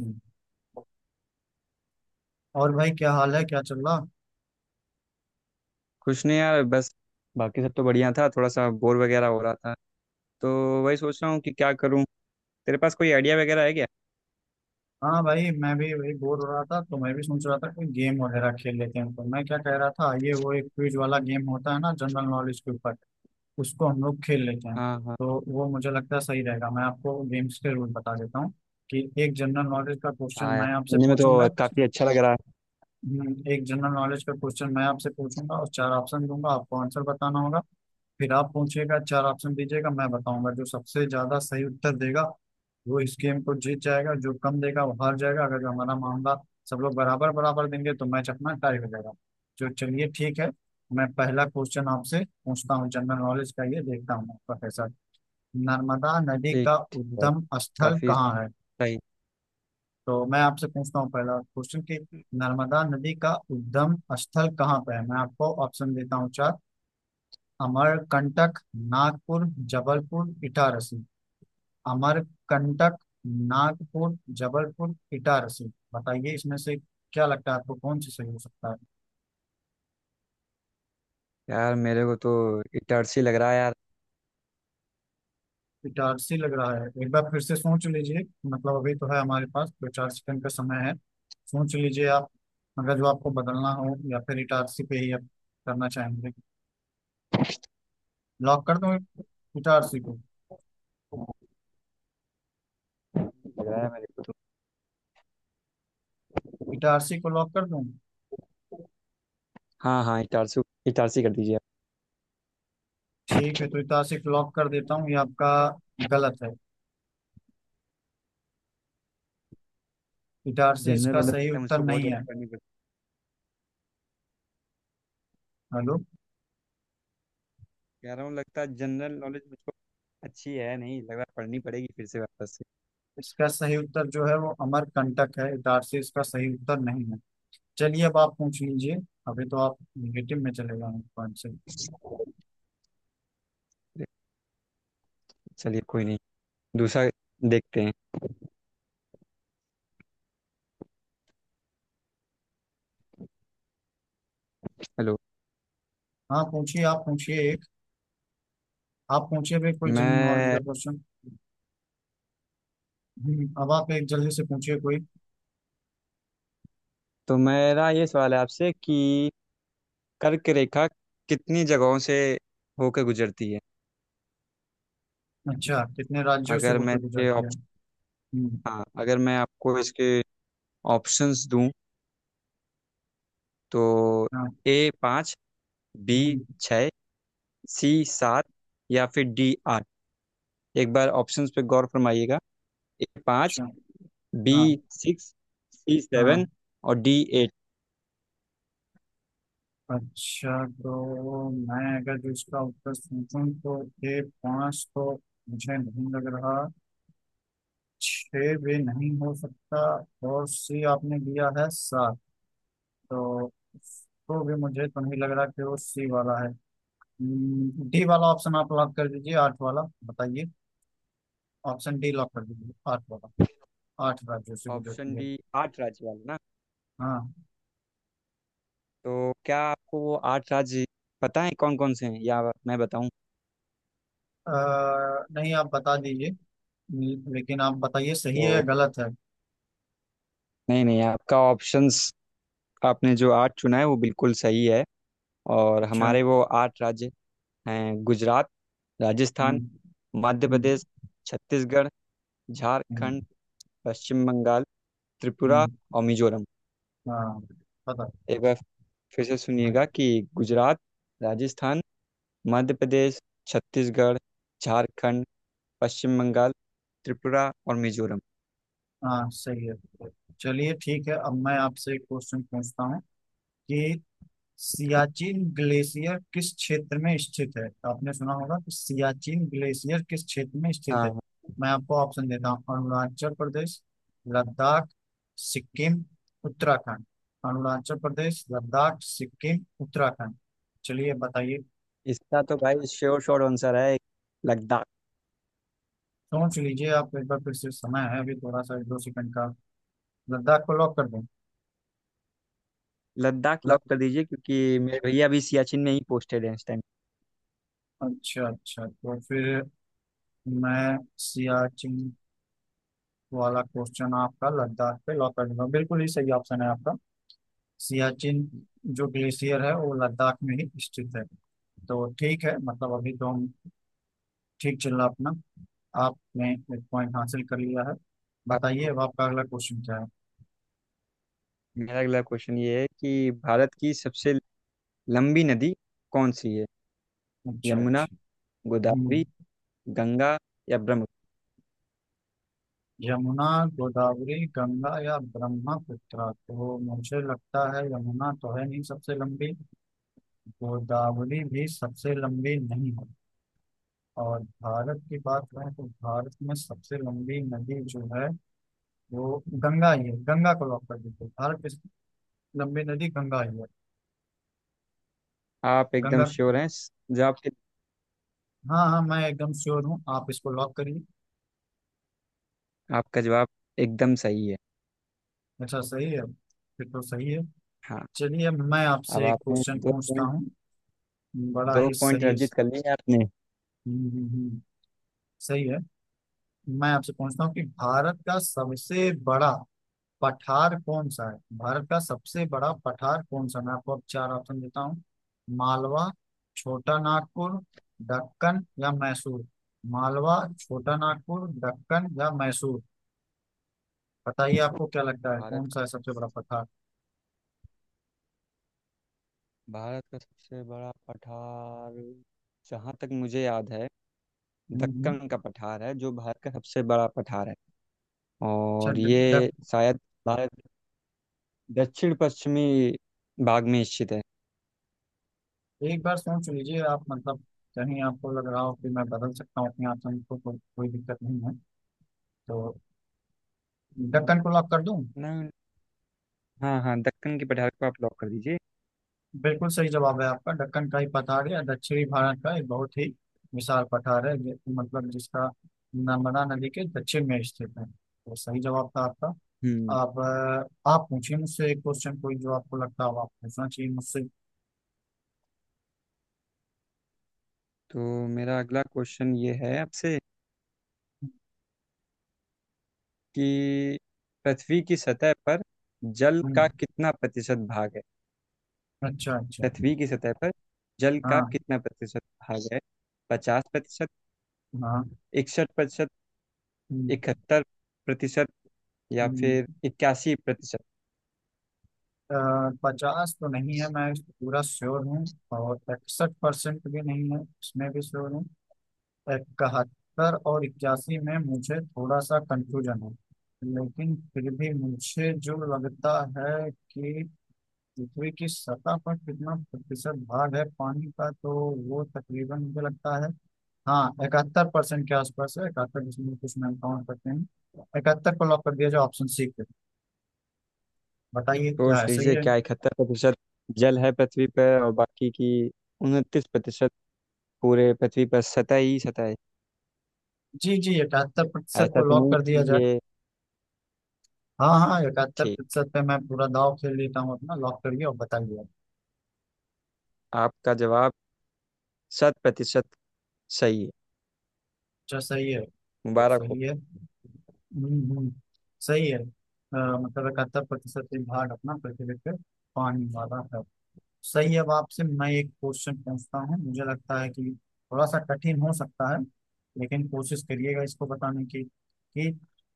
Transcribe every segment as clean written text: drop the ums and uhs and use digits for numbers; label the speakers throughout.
Speaker 1: हम्म। और भाई, क्या हाल है? क्या चल रहा?
Speaker 2: कुछ नहीं यार। बस बाकी सब तो बढ़िया था, थोड़ा सा बोर वगैरह हो रहा था। तो वही सोच रहा हूँ कि क्या करूँ। तेरे पास कोई आइडिया वगैरह है क्या?
Speaker 1: हाँ भाई, मैं भी वही बोर हो रहा था तो मैं भी सोच रहा था कोई गेम वगैरह खेल लेते हैं। तो मैं क्या कह रहा था, ये वो एक क्विज वाला गेम होता है ना, जनरल नॉलेज के ऊपर, उसको हम लोग खेल लेते हैं।
Speaker 2: हाँ, हाँ।
Speaker 1: तो वो मुझे लगता है सही रहेगा। मैं आपको गेम्स के रूल बता देता हूँ कि एक जनरल नॉलेज का क्वेश्चन
Speaker 2: हाँ यार,
Speaker 1: मैं आपसे
Speaker 2: सुनने में
Speaker 1: पूछूंगा।
Speaker 2: तो काफ़ी अच्छा लग रहा है।
Speaker 1: एक जनरल नॉलेज का क्वेश्चन मैं आपसे पूछूंगा और चार ऑप्शन दूंगा। आपको आंसर बताना होगा। फिर आप पूछिएगा, चार ऑप्शन दीजिएगा, मैं बताऊंगा। जो सबसे ज्यादा सही उत्तर देगा वो इस गेम को जीत जाएगा, जो कम देगा वो हार जाएगा। अगर जो हमारा मामला, सब लोग बराबर बराबर देंगे तो मैच अपना टाई हो जाएगा। जो चलिए ठीक है, मैं पहला क्वेश्चन आपसे पूछता हूँ जनरल नॉलेज का। ये देखता हूँ आपका कैसा। नर्मदा नदी
Speaker 2: ठीक,
Speaker 1: का
Speaker 2: ठीक है।
Speaker 1: उद्गम स्थल
Speaker 2: काफ़ी
Speaker 1: कहाँ है?
Speaker 2: सही।
Speaker 1: तो मैं आपसे पूछता हूँ पहला क्वेश्चन कि नर्मदा नदी का उद्गम स्थल कहाँ पे है। मैं आपको ऑप्शन देता हूँ चार। अमरकंटक, नागपुर, जबलपुर इटारसी। अमरकंटक, नागपुर, जबलपुर, इटारसी। बताइए इसमें से क्या लगता है आपको कौन सी सही हो सकता है?
Speaker 2: यार मेरे को तो इटारसी लग रहा है यार।
Speaker 1: इटारसी लग रहा है? एक बार फिर से सोच लीजिए। मतलब अभी तो है हमारे पास दो चार सेकंड का समय है। सोच लीजिए आप, अगर जो आपको बदलना हो या फिर इटारसी पे ही आप करना चाहेंगे। लॉक कर दूं इटारसी को?
Speaker 2: लग रहा है मेरे को।
Speaker 1: इटारसी को लॉक कर दूं?
Speaker 2: हाँ, हाँ, इटारसी। इटारसी कर दीजिए आप।
Speaker 1: ठीक है, तो इटारसी को लॉक कर देता हूँ। ये आपका गलत है। इटारसी
Speaker 2: जनरल
Speaker 1: इसका
Speaker 2: नॉलेज
Speaker 1: सही
Speaker 2: लगता है
Speaker 1: उत्तर
Speaker 2: मुझको बहुत
Speaker 1: नहीं है।
Speaker 2: ज़्यादा पढ़नी पड़ती।
Speaker 1: हेलो।
Speaker 2: कह रहा हूँ लगता है जनरल नॉलेज मुझको अच्छी है नहीं, लग रहा है पढ़नी पड़ेगी फिर से वापस से।
Speaker 1: इसका सही उत्तर जो है वो अमरकंटक है। इटारसी इसका सही उत्तर नहीं है। चलिए अब आप पूछ लीजिए। अभी तो आप निगेटिव में चले गए पॉइंट से।
Speaker 2: चलिए, कोई नहीं। दूसरा देखते हैं। हेलो।
Speaker 1: हाँ पूछिए, आप पूछिए एक। आप पूछिए भी कोई जनरल नॉलेज का
Speaker 2: मैं।
Speaker 1: क्वेश्चन। अब आप एक जल्दी से पूछिए कोई।
Speaker 2: तो मेरा ये सवाल है आपसे कि कर्क रेखा कितनी जगहों से होकर गुजरती है?
Speaker 1: अच्छा, कितने राज्यों से
Speaker 2: अगर मैं
Speaker 1: होकर
Speaker 2: इसके
Speaker 1: गुजरती है?
Speaker 2: ऑप्शन,
Speaker 1: हम्म।
Speaker 2: हाँ, अगर मैं आपको इसके ऑप्शंस दूं तो
Speaker 1: हाँ।
Speaker 2: ए पाँच, बी
Speaker 1: हम्म।
Speaker 2: छः, सी सात, या फिर डी आठ। एक बार ऑप्शंस पे गौर फरमाइएगा। ए पाँच,
Speaker 1: अच्छा।
Speaker 2: बी
Speaker 1: हाँ
Speaker 2: सिक्स, सी सेवन,
Speaker 1: हाँ।
Speaker 2: और डी एट।
Speaker 1: अच्छा तो मैं अगर जो इसका उत्तर पूछूं तो ये पाँच तो मुझे नहीं लग रहा, छः भी नहीं हो सकता। और सी आपने लिया है सात, तो उसको भी मुझे तो नहीं लग रहा कि वो सी वाला है। डी वाला ऑप्शन आप लॉक कर दीजिए, आठ वाला। बताइए। ऑप्शन डी लॉक कर दीजिए, आठ वाला। आठ राज्यों से
Speaker 2: ऑप्शन
Speaker 1: गुजरती है।
Speaker 2: डी, आठ राज्य वाला ना?
Speaker 1: हाँ।
Speaker 2: तो क्या आपको वो आठ राज्य पता है कौन कौन से हैं, या मैं बताऊं?
Speaker 1: अ, नहीं, आप बता दीजिए। लेकिन आप बताइए सही
Speaker 2: तो
Speaker 1: है या गलत है।
Speaker 2: नहीं, नहीं, आपका ऑप्शंस आपने जो आठ चुना है वो बिल्कुल सही है। और
Speaker 1: अच्छा।
Speaker 2: हमारे वो आठ राज्य हैं गुजरात,
Speaker 1: हम्म।
Speaker 2: राजस्थान, मध्य
Speaker 1: हम्म।
Speaker 2: प्रदेश, छत्तीसगढ़,
Speaker 1: हम्म।
Speaker 2: झारखंड, पश्चिम बंगाल, त्रिपुरा
Speaker 1: हम्म।
Speaker 2: और मिजोरम।
Speaker 1: हाँ। पता।
Speaker 2: एक बार फिर से
Speaker 1: हाँ
Speaker 2: सुनिएगा कि गुजरात, राजस्थान, मध्य प्रदेश, छत्तीसगढ़, झारखंड, पश्चिम बंगाल, त्रिपुरा और मिजोरम।
Speaker 1: हाँ, सही है। चलिए ठीक है, अब मैं आपसे एक क्वेश्चन पूछता हूँ कि सियाचिन ग्लेशियर किस क्षेत्र में स्थित है। तो आपने सुना होगा कि सियाचिन ग्लेशियर किस क्षेत्र में
Speaker 2: हाँ,
Speaker 1: स्थित है।
Speaker 2: हाँ,
Speaker 1: मैं आपको ऑप्शन देता हूँ। अरुणाचल प्रदेश, लद्दाख, सिक्किम, उत्तराखंड। अरुणाचल प्रदेश, लद्दाख, सिक्किम, उत्तराखंड। चलिए बताइए।
Speaker 2: इसका तो भाई श्योर श्योर आंसर है, लद्दाख।
Speaker 1: सोच लीजिए आप एक बार फिर से, समय है अभी थोड़ा सा एक दो सेकंड का। लद्दाख को लॉक कर दें?
Speaker 2: लद्दाख
Speaker 1: ल...
Speaker 2: लॉक कर दीजिए, क्योंकि मेरे भैया अभी सियाचिन में ही पोस्टेड हैं इस टाइम।
Speaker 1: अच्छा अच्छा, तो फिर मैं सियाचिन वाला क्वेश्चन आपका लद्दाख पे लॉक कर दूंगा। बिल्कुल ही सही ऑप्शन है आपका। सियाचिन जो ग्लेशियर है वो लद्दाख में ही स्थित है। तो ठीक है, मतलब अभी तो हम ठीक चल रहा अपना। आपने एक पॉइंट हासिल कर लिया है। बताइए
Speaker 2: अब
Speaker 1: अब आपका अगला क्वेश्चन क्या है?
Speaker 2: मेरा अगला क्वेश्चन ये है कि भारत की सबसे लंबी नदी कौन सी है?
Speaker 1: अच्छा
Speaker 2: यमुना,
Speaker 1: अच्छा।
Speaker 2: गोदावरी,
Speaker 1: हम्म।
Speaker 2: गंगा या ब्रह्मपुत्र?
Speaker 1: यमुना, गोदावरी, गंगा या ब्रह्मपुत्र। तो मुझे लगता है यमुना तो है नहीं सबसे लंबी, गोदावरी भी सबसे लंबी नहीं है, और भारत की बात करें तो भारत में सबसे लंबी नदी जो है वो गंगा ही है। गंगा को लॉक कर दीजिए। भारत की सबसे लंबी नदी गंगा ही है।
Speaker 2: आप एकदम
Speaker 1: गंगा।
Speaker 2: श्योर हैं इस जवाब के?
Speaker 1: हाँ हाँ, मैं एकदम श्योर हूँ, आप इसको लॉक करिए।
Speaker 2: आपका जवाब एकदम सही है।
Speaker 1: अच्छा सही है, फिर तो सही है।
Speaker 2: हाँ।
Speaker 1: चलिए अब मैं
Speaker 2: अब
Speaker 1: आपसे एक
Speaker 2: आपने
Speaker 1: क्वेश्चन
Speaker 2: दो
Speaker 1: पूछता
Speaker 2: पॉइंट
Speaker 1: हूँ। बड़ा
Speaker 2: दो
Speaker 1: ही
Speaker 2: पॉइंट
Speaker 1: सही।
Speaker 2: अर्जित कर लिए आपने।
Speaker 1: हम्म, हम्म, हम्म, सही है। मैं आपसे पूछता हूँ कि भारत का सबसे बड़ा पठार कौन सा है। भारत का सबसे बड़ा पठार कौन सा? मैं आपको अब चार ऑप्शन देता हूँ। मालवा, छोटा नागपुर, दक्कन या मैसूर। मालवा, छोटा नागपुर, दक्कन या मैसूर। बताइए आपको क्या लगता है
Speaker 2: भारत
Speaker 1: कौन सा
Speaker 2: का
Speaker 1: है सबसे बड़ा पठार?
Speaker 2: भारत का सबसे बड़ा पठार। जहाँ तक मुझे याद है,
Speaker 1: हम्म
Speaker 2: दक्कन
Speaker 1: हम्म।
Speaker 2: का पठार है जो भारत का सबसे बड़ा पठार है।
Speaker 1: अच्छा।
Speaker 2: और
Speaker 1: ड-
Speaker 2: ये
Speaker 1: डक
Speaker 2: शायद भारत दक्षिण पश्चिमी भाग में स्थित है।
Speaker 1: एक बार सोच लीजिए आप, मतलब कहीं आपको लग रहा हो कि मैं बदल सकता हूँ अपने आंसर को, कोई दिक्कत नहीं है तो। दक्कन
Speaker 2: हम्म।
Speaker 1: को लॉक कर दूं?
Speaker 2: ना। हाँ, हाँ, दक्कन की पठार को आप लॉक कर दीजिए।
Speaker 1: बिल्कुल सही जवाब है आपका। दक्कन का ही पठार है, दक्षिणी भारत का एक बहुत ही विशाल पठार है मतलब जिसका नर्मदा नदी के दक्षिण में स्थित है। तो सही जवाब था आपका।
Speaker 2: हम्म
Speaker 1: अब आप पूछिए मुझसे एक क्वेश्चन कोई जो आपको लगता हो आप पूछना चाहिए मुझसे।
Speaker 2: तो मेरा अगला क्वेश्चन ये है आपसे कि पृथ्वी की सतह पर जल का
Speaker 1: हम्म।
Speaker 2: कितना प्रतिशत भाग है?
Speaker 1: अच्छा अच्छा।
Speaker 2: पृथ्वी की सतह पर जल का
Speaker 1: हाँ
Speaker 2: कितना प्रतिशत भाग है? 50%,
Speaker 1: हाँ।
Speaker 2: 61%,
Speaker 1: हम्म,
Speaker 2: 71% या फिर
Speaker 1: हम्म।
Speaker 2: 81%?
Speaker 1: पचास तो नहीं है, मैं पूरा श्योर हूँ। और 61% भी नहीं है, इसमें भी श्योर हूँ। इकहत्तर और इक्यासी में मुझे थोड़ा सा कंफ्यूजन है। लेकिन फिर भी मुझे जो लगता है कि पृथ्वी की सतह पर कितना प्रतिशत भाग है पानी का, तो वो तकरीबन मुझे लगता है, हाँ 71% के आसपास है। इकहत्तर दशमलव कुछ, मैं काउंट करते हैं। इकहत्तर को लॉक कर दिया जाए ऑप्शन सी पे। बताइए क्या
Speaker 2: सोच
Speaker 1: है, सही
Speaker 2: लीजिए
Speaker 1: है?
Speaker 2: क्या 71% जल है पृथ्वी पर और बाकी की 29% पूरे पृथ्वी पर सतह ही सतह है।
Speaker 1: जी जी, 71%
Speaker 2: ऐसा
Speaker 1: को
Speaker 2: तो नहीं
Speaker 1: लॉक कर दिया
Speaker 2: है कि
Speaker 1: जाए।
Speaker 2: ये।
Speaker 1: हाँ हाँ, इकहत्तर
Speaker 2: ठीक।
Speaker 1: प्रतिशत पे मैं पूरा दाव खेल लेता हूँ अपना। लॉक करिए और बताइए।
Speaker 2: आपका जवाब शत प्रतिशत सही है।
Speaker 1: अच्छा सही है, तो
Speaker 2: मुबारक हो।
Speaker 1: सही है। हम्म हम्म, सही है। मतलब 71% भाग अपना पृथ्वी पे पानी वाला है। सही है। अब आपसे मैं एक क्वेश्चन पूछता हूँ, मुझे लगता है कि थोड़ा सा कठिन हो सकता है, लेकिन कोशिश करिएगा इसको बताने की कि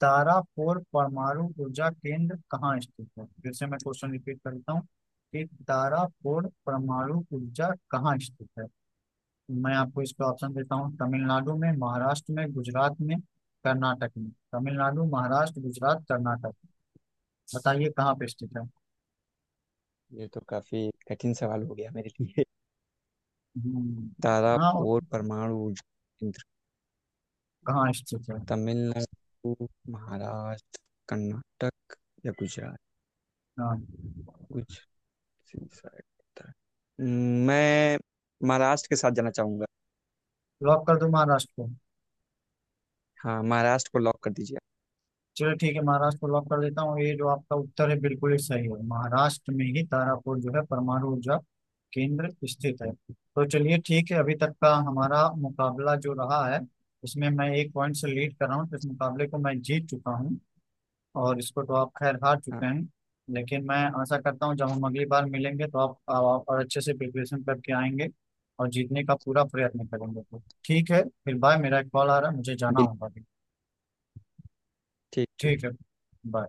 Speaker 1: तारापुर परमाणु ऊर्जा केंद्र कहाँ स्थित है। फिर से मैं क्वेश्चन रिपीट करता हूँ कि तारापुर परमाणु ऊर्जा कहाँ स्थित है। मैं आपको इसके ऑप्शन देता हूँ। तमिलनाडु में, महाराष्ट्र में, गुजरात में, कर्नाटक में। तमिलनाडु, महाराष्ट्र, गुजरात, कर्नाटक। बताइए कहाँ पे स्थित है।
Speaker 2: ये तो काफी कठिन सवाल हो गया मेरे लिए।
Speaker 1: हम्म। हाँ और?
Speaker 2: तारापुर परमाणु ऊर्जा केंद्र।
Speaker 1: कहाँ स्थित है?
Speaker 2: तमिलनाडु, महाराष्ट्र, कर्नाटक या गुजरात?
Speaker 1: हाँ,
Speaker 2: कुछ शायद होता है। मैं महाराष्ट्र के साथ जाना चाहूंगा।
Speaker 1: लॉक कर दो महाराष्ट्र को।
Speaker 2: हाँ, महाराष्ट्र को लॉक कर दीजिए।
Speaker 1: चलो ठीक है, महाराष्ट्र को लॉक कर देता हूँ। ये जो आपका उत्तर है बिल्कुल ही सही है। महाराष्ट्र में ही तारापुर जो है परमाणु ऊर्जा केंद्र स्थित है। तो चलिए ठीक है। अभी तक का हमारा मुकाबला जो रहा है उसमें मैं एक पॉइंट से लीड कर रहा हूँ, तो इस मुकाबले को मैं जीत चुका हूँ। और इसको तो आप खैर हार चुके हैं। लेकिन मैं आशा करता हूँ जब हम अगली बार मिलेंगे तो आप और अच्छे से प्रिपरेशन करके आएंगे और जीतने का पूरा प्रयत्न करेंगे। तो ठीक है, फिर बाय। मेरा एक कॉल आ रहा है, मुझे जाना
Speaker 2: बिल्कुल।
Speaker 1: होगा।
Speaker 2: ठीक, ठीक।
Speaker 1: ठीक है। bye।